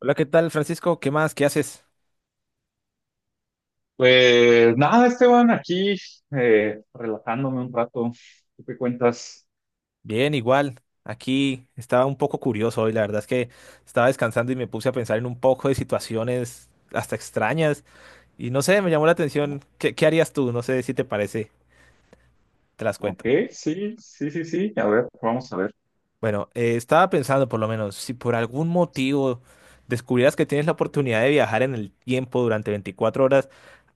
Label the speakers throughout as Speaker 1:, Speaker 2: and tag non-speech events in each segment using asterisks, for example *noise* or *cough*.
Speaker 1: Hola, ¿qué tal, Francisco? ¿Qué más? ¿Qué haces?
Speaker 2: Pues nada, Esteban, aquí, relajándome un rato. ¿Tú qué cuentas?
Speaker 1: Bien, igual. Aquí estaba un poco curioso hoy. La verdad es que estaba descansando y me puse a pensar en un poco de situaciones hasta extrañas. Y no sé, me llamó la
Speaker 2: No.
Speaker 1: atención. ¿Qué harías tú? No sé si te parece. Te las
Speaker 2: Ok,
Speaker 1: cuento.
Speaker 2: sí, sí, sí, sí. A ver, vamos a ver.
Speaker 1: Bueno, estaba pensando por lo menos, si por algún motivo descubrieras que tienes la oportunidad de viajar en el tiempo durante 24 horas,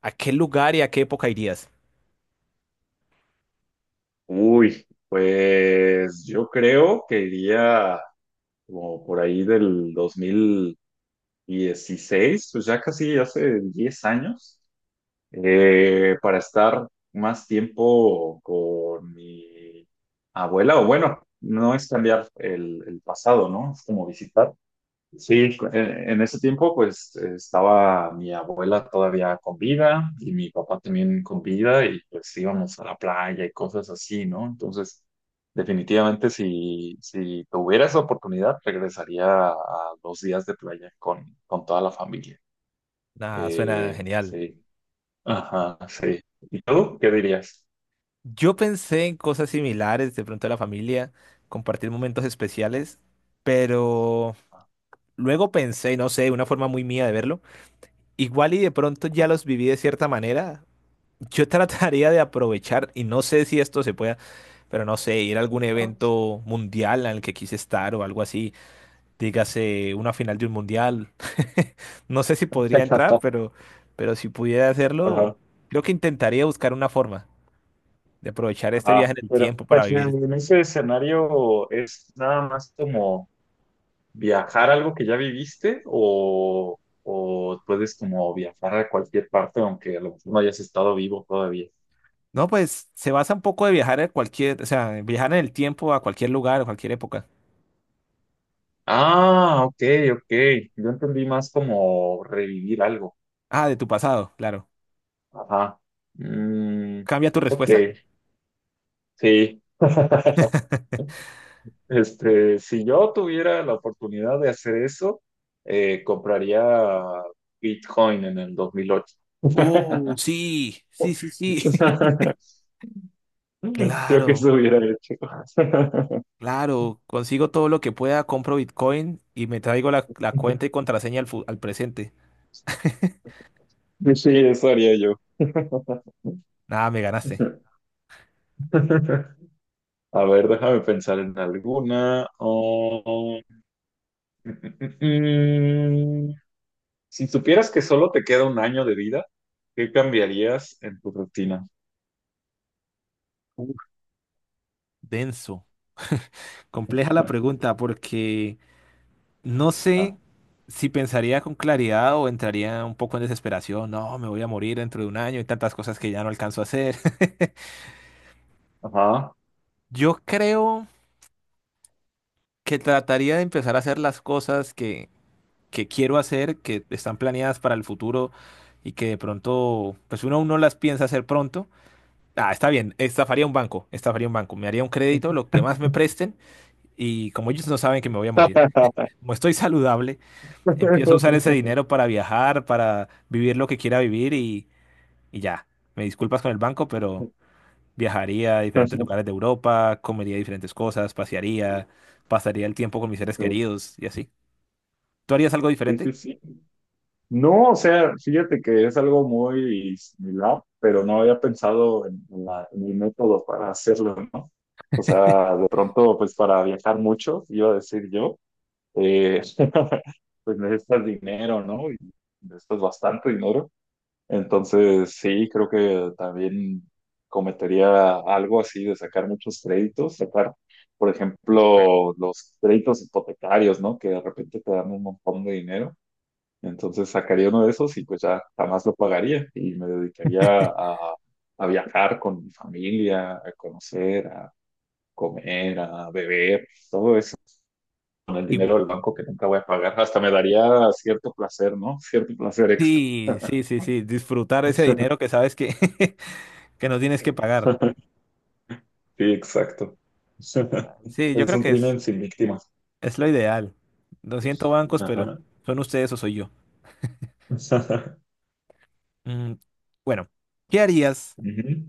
Speaker 1: ¿a qué lugar y a qué época irías?
Speaker 2: Uy, pues yo creo que iría como por ahí del 2016, pues ya casi hace 10 años, para estar más tiempo con mi abuela, o bueno, no es cambiar el pasado, ¿no? Es como visitar. Sí, en ese tiempo pues estaba mi abuela todavía con vida y mi papá también con vida y pues íbamos a la playa y cosas así, ¿no? Entonces, definitivamente si tuviera esa oportunidad, regresaría a dos días de playa con toda la familia.
Speaker 1: Nada, suena genial.
Speaker 2: Sí, ajá, sí. ¿Y tú qué dirías?
Speaker 1: Yo pensé en cosas similares, de pronto la familia, compartir momentos especiales, pero luego pensé, no sé, una forma muy mía de verlo, igual y de pronto ya los viví de cierta manera, yo *laughs* trataría de aprovechar, y no sé si esto se pueda, pero no sé, ir a algún
Speaker 2: *laughs*
Speaker 1: evento mundial en el que quise estar o algo así, dígase una final de un mundial, *laughs* no sé si podría entrar,
Speaker 2: Exacto.
Speaker 1: pero si pudiera hacerlo,
Speaker 2: Ajá,
Speaker 1: creo que intentaría buscar una forma de aprovechar este
Speaker 2: ajá.
Speaker 1: viaje en el
Speaker 2: Pero,
Speaker 1: tiempo
Speaker 2: pero
Speaker 1: para vivir.
Speaker 2: en ese escenario es nada más como viajar a algo que ya viviste, o puedes como viajar a cualquier parte aunque a lo mejor no hayas estado vivo todavía.
Speaker 1: No, pues se basa un poco de viajar a cualquier, o sea, viajar en el tiempo a cualquier lugar, a cualquier época.
Speaker 2: Ah, ok, ok. Yo entendí más como revivir algo.
Speaker 1: Ah, de tu pasado, claro.
Speaker 2: Ajá. Mm,
Speaker 1: ¿Cambia tu
Speaker 2: ok,
Speaker 1: respuesta?
Speaker 2: sí. *laughs* Este, si yo tuviera la oportunidad de hacer eso, compraría Bitcoin en el 2008. *laughs*
Speaker 1: Oh, sí, sí, sí, sí. *laughs*
Speaker 2: Creo que
Speaker 1: Claro,
Speaker 2: eso hubiera hecho.
Speaker 1: claro. Consigo todo lo que pueda, compro Bitcoin y me traigo la cuenta y
Speaker 2: *laughs*
Speaker 1: contraseña al, al presente.
Speaker 2: *laughs* Sí, eso haría yo. *laughs*
Speaker 1: Nada, me ganaste.
Speaker 2: A ver, déjame pensar en alguna. Oh, *laughs* mm, mm, mm. Si supieras que solo te queda un año de vida, ¿qué cambiarías en tu rutina?
Speaker 1: Uf, denso. Compleja la pregunta porque no
Speaker 2: Ah.
Speaker 1: sé si pensaría con claridad o entraría un poco en desesperación. No, me voy a morir dentro de un año y tantas cosas que ya no alcanzo a hacer. *laughs*
Speaker 2: Ajá.
Speaker 1: Yo creo que trataría de empezar a hacer las cosas que quiero hacer, que están planeadas para el futuro y que de pronto, pues uno aún no las piensa hacer pronto. Ah, está bien, estafaría un banco, me haría un crédito, lo que más me presten y como ellos no saben que me voy a morir, como estoy saludable. Empiezo a usar ese
Speaker 2: *laughs*
Speaker 1: dinero para viajar, para vivir lo que quiera vivir y ya. Me disculpas con el banco, pero viajaría a diferentes lugares de Europa, comería diferentes cosas, pasearía, pasaría el tiempo con mis seres queridos y así. ¿Tú harías algo
Speaker 2: Sí, sí,
Speaker 1: diferente?
Speaker 2: sí. No, o sea, fíjate que es algo muy similar, pero no había pensado en en el método para hacerlo, ¿no? O sea, de pronto, pues para viajar mucho, iba a decir yo, eh, *laughs* pues necesitas dinero, ¿no? Y necesitas bastante dinero. Entonces, sí, creo que también cometería algo así de sacar muchos créditos, sacar, por ejemplo, los créditos hipotecarios, ¿no? Que de repente te dan un montón de dinero. Entonces sacaría uno de esos y pues ya jamás lo pagaría y me dedicaría a viajar con mi familia, a conocer, a comer, a beber, con el
Speaker 1: Y,
Speaker 2: dinero del banco que nunca voy a pagar. Hasta me daría cierto placer, ¿no? Cierto placer extra.
Speaker 1: sí, sí, sí,
Speaker 2: *laughs*
Speaker 1: sí, disfrutar ese dinero que sabes que, *laughs* que no tienes que pagar.
Speaker 2: Sí, exacto. *laughs*
Speaker 1: Sí, yo
Speaker 2: Es
Speaker 1: creo
Speaker 2: un
Speaker 1: que
Speaker 2: crimen sin víctimas.
Speaker 1: es lo ideal. Lo siento, bancos, pero
Speaker 2: Ajá.
Speaker 1: son ustedes o soy yo.
Speaker 2: *laughs*
Speaker 1: Mm, bueno, ¿qué harías?
Speaker 2: Ujú.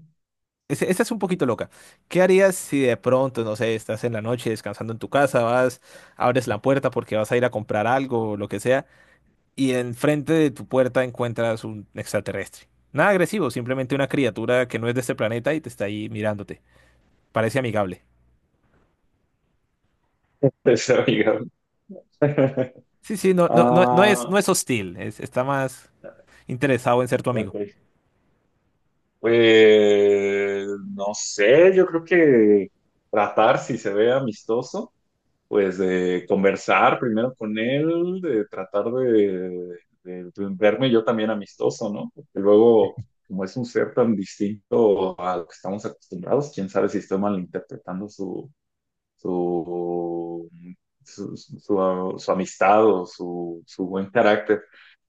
Speaker 1: Esta es un poquito loca. ¿Qué harías si de pronto, no sé, estás en la noche descansando en tu casa, vas, abres la puerta porque vas a ir a comprar algo o lo que sea, y enfrente de tu puerta encuentras un extraterrestre? Nada agresivo, simplemente una criatura que no es de este planeta y te está ahí mirándote. Parece amigable.
Speaker 2: Pues, amiga. *laughs*
Speaker 1: Sí, sí, no, no, no,
Speaker 2: Ah,
Speaker 1: no es hostil, está más interesado en ser tu amigo.
Speaker 2: ok. Pues no sé, yo creo que tratar, si se ve amistoso, pues de conversar primero con él, de tratar de verme yo también amistoso, ¿no? Porque luego, como es un ser tan distinto a lo que estamos acostumbrados, quién sabe si estoy malinterpretando su, su amistad o su buen carácter.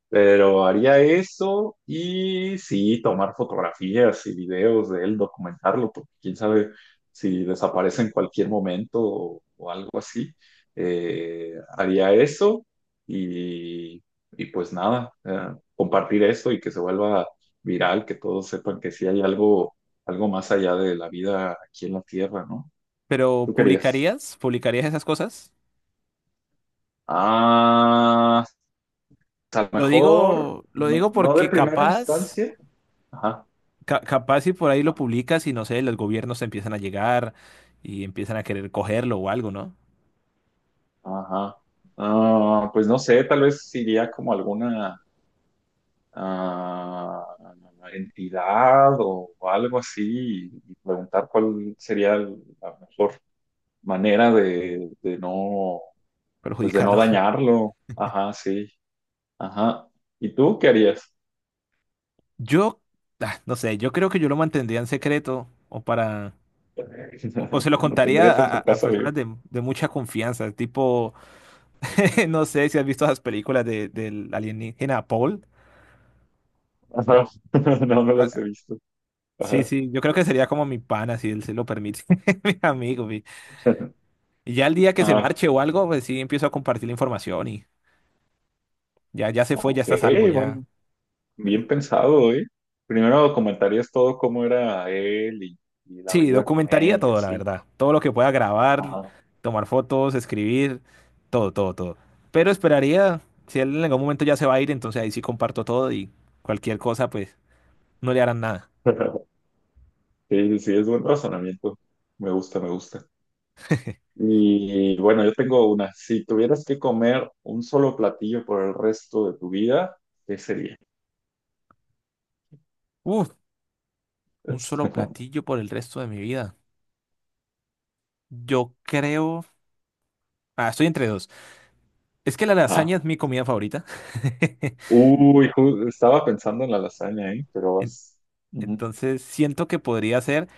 Speaker 2: Pero haría eso y sí, tomar fotografías y videos de él, documentarlo, porque quién sabe si desaparece en cualquier momento, o algo así. Eh, Haría eso y, y pues nada, compartir esto y que se vuelva viral, que todos sepan que sí hay algo, algo más allá de la vida aquí en la Tierra, ¿no?
Speaker 1: Pero
Speaker 2: ¿Tú querías?
Speaker 1: ¿publicarías? ¿Publicarías esas cosas?
Speaker 2: Ah, a lo
Speaker 1: Lo
Speaker 2: mejor,
Speaker 1: digo, lo
Speaker 2: no,
Speaker 1: digo
Speaker 2: no de
Speaker 1: porque
Speaker 2: primera
Speaker 1: capaz.
Speaker 2: instancia. Ajá.
Speaker 1: Capaz si por ahí lo
Speaker 2: Ajá.
Speaker 1: publicas y no sé, los gobiernos te empiezan a llegar y empiezan a querer cogerlo o algo, ¿no?
Speaker 2: Ajá. Ah, pues no sé, tal vez iría como alguna ah, entidad o algo así y preguntar cuál sería la mejor manera de no, pues de no
Speaker 1: Perjudicarlo. *laughs*
Speaker 2: dañarlo. Ajá, sí. Ajá. ¿Y tú qué harías?
Speaker 1: Yo, ah, no sé, yo creo que yo lo mantendría en secreto o para... O, o
Speaker 2: *laughs*
Speaker 1: se lo
Speaker 2: ¿Lo
Speaker 1: contaría
Speaker 2: tendrías en
Speaker 1: a,
Speaker 2: tu
Speaker 1: a
Speaker 2: casa vivo?
Speaker 1: personas de mucha confianza, tipo, *laughs* no sé si has visto esas películas de, del alienígena Paul.
Speaker 2: Ajá. *laughs* No, no
Speaker 1: Ah,
Speaker 2: las he visto.
Speaker 1: sí,
Speaker 2: Ajá.
Speaker 1: sí, yo creo que sería como mi pana, si él se lo permite, *laughs* mi amigo.
Speaker 2: *laughs*
Speaker 1: Y ya el día que se
Speaker 2: Ajá.
Speaker 1: marche o algo, pues sí, empiezo a compartir la información y ya, ya se fue, ya
Speaker 2: Ok,
Speaker 1: está a salvo, ya.
Speaker 2: bueno. Bien pensado, ¿eh? Primero comentarías todo cómo era él y la
Speaker 1: Sí,
Speaker 2: vida con
Speaker 1: documentaría
Speaker 2: él y
Speaker 1: todo, la
Speaker 2: así.
Speaker 1: verdad. Todo lo que pueda grabar,
Speaker 2: Ajá.
Speaker 1: tomar fotos, escribir, todo, todo, todo. Pero esperaría, si él en algún momento ya se va a ir, entonces ahí sí comparto todo y cualquier cosa, pues no le harán nada.
Speaker 2: *laughs* Sí, sí, es buen razonamiento. Me gusta, me gusta.
Speaker 1: *laughs*
Speaker 2: Y bueno, yo tengo una. Si tuvieras que comer un solo platillo por el resto de tu vida, ¿qué sería?
Speaker 1: Uf, un solo
Speaker 2: *laughs*
Speaker 1: platillo por el resto de mi vida. Yo creo... Ah, estoy entre dos. Es que la
Speaker 2: Ajá.
Speaker 1: lasaña es mi comida favorita. *laughs*
Speaker 2: Uy, estaba pensando en la lasaña, ¿eh? Pero
Speaker 1: En-
Speaker 2: vas. Ujú.
Speaker 1: Entonces siento que podría ser,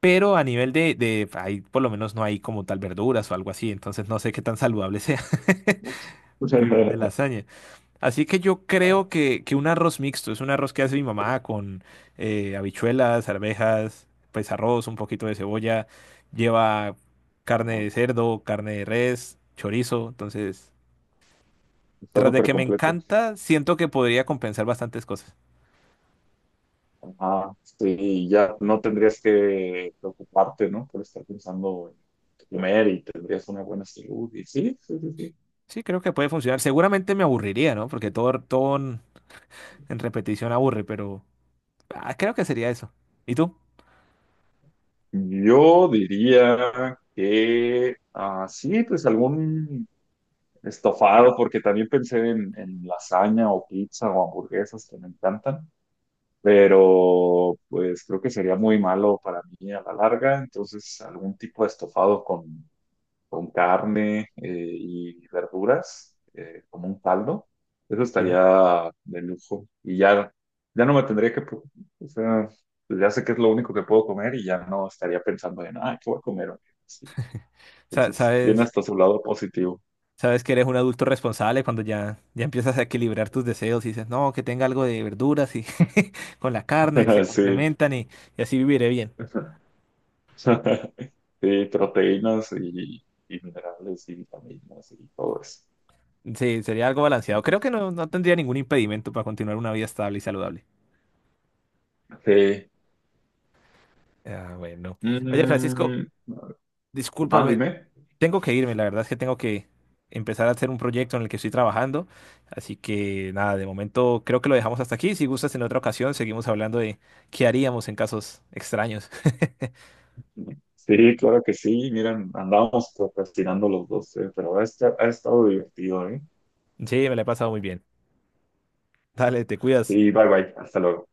Speaker 1: pero a nivel de... Ahí por lo menos no hay como tal verduras o algo así, entonces no sé qué tan saludable sea. *laughs* Vivir de
Speaker 2: *laughs*
Speaker 1: lasaña. Así que yo creo que un arroz mixto es un arroz que hace mi mamá con habichuelas, arvejas, pues arroz, un poquito de cebolla, lleva carne de cerdo, carne de res, chorizo. Entonces,
Speaker 2: Está
Speaker 1: tras de
Speaker 2: súper
Speaker 1: que me
Speaker 2: completo.
Speaker 1: encanta, siento que podría compensar bastantes cosas.
Speaker 2: Ajá, sí, ya no tendrías que preocuparte, ¿no? Por estar pensando en comer, y tendrías una buena salud. Y sí, sí, sí, sí.
Speaker 1: Sí, creo que puede funcionar. Seguramente me aburriría, ¿no? Porque todo, todo en repetición aburre, pero ah, creo que sería eso. ¿Y tú?
Speaker 2: Yo diría que, sí, pues algún estofado, porque también pensé en, lasaña o pizza o hamburguesas que me encantan, pero pues creo que sería muy malo para mí a la larga, entonces algún tipo de estofado con carne, y verduras, como un caldo. Eso
Speaker 1: Sí.
Speaker 2: estaría de lujo. Y ya, ya no me tendría que, o sea, pues ya sé que es lo único que puedo comer y ya no estaría pensando en, "¿qué voy a comer hoy?". Sí. Entonces, tiene
Speaker 1: ¿Sabes?
Speaker 2: hasta su lado positivo.
Speaker 1: Sabes que eres un adulto responsable cuando ya, ya empiezas a equilibrar tus deseos y dices, no, que tenga algo de verduras y *laughs* con la carne se
Speaker 2: *laughs* Sí.
Speaker 1: complementan y así viviré bien.
Speaker 2: *laughs* Sí, proteínas y minerales y vitaminas y todo eso.
Speaker 1: Sí, sería algo balanceado. Creo
Speaker 2: Ujú.
Speaker 1: que no, no tendría ningún impedimento para continuar una vida estable y saludable.
Speaker 2: Sí.
Speaker 1: Ah, bueno. Oye, Francisco,
Speaker 2: Mm,
Speaker 1: discúlpame,
Speaker 2: dime.
Speaker 1: tengo que irme. La verdad es que tengo que empezar a hacer un proyecto en el que estoy trabajando. Así que nada, de momento creo que lo dejamos hasta aquí. Si gustas, en otra ocasión seguimos hablando de qué haríamos en casos extraños.
Speaker 2: Sí, claro que sí. Miren, andábamos procrastinando los dos, pero ha estado divertido, ¿eh?
Speaker 1: *laughs* Sí, me la he pasado muy bien. Dale, te cuidas.
Speaker 2: Sí, bye bye. Hasta luego.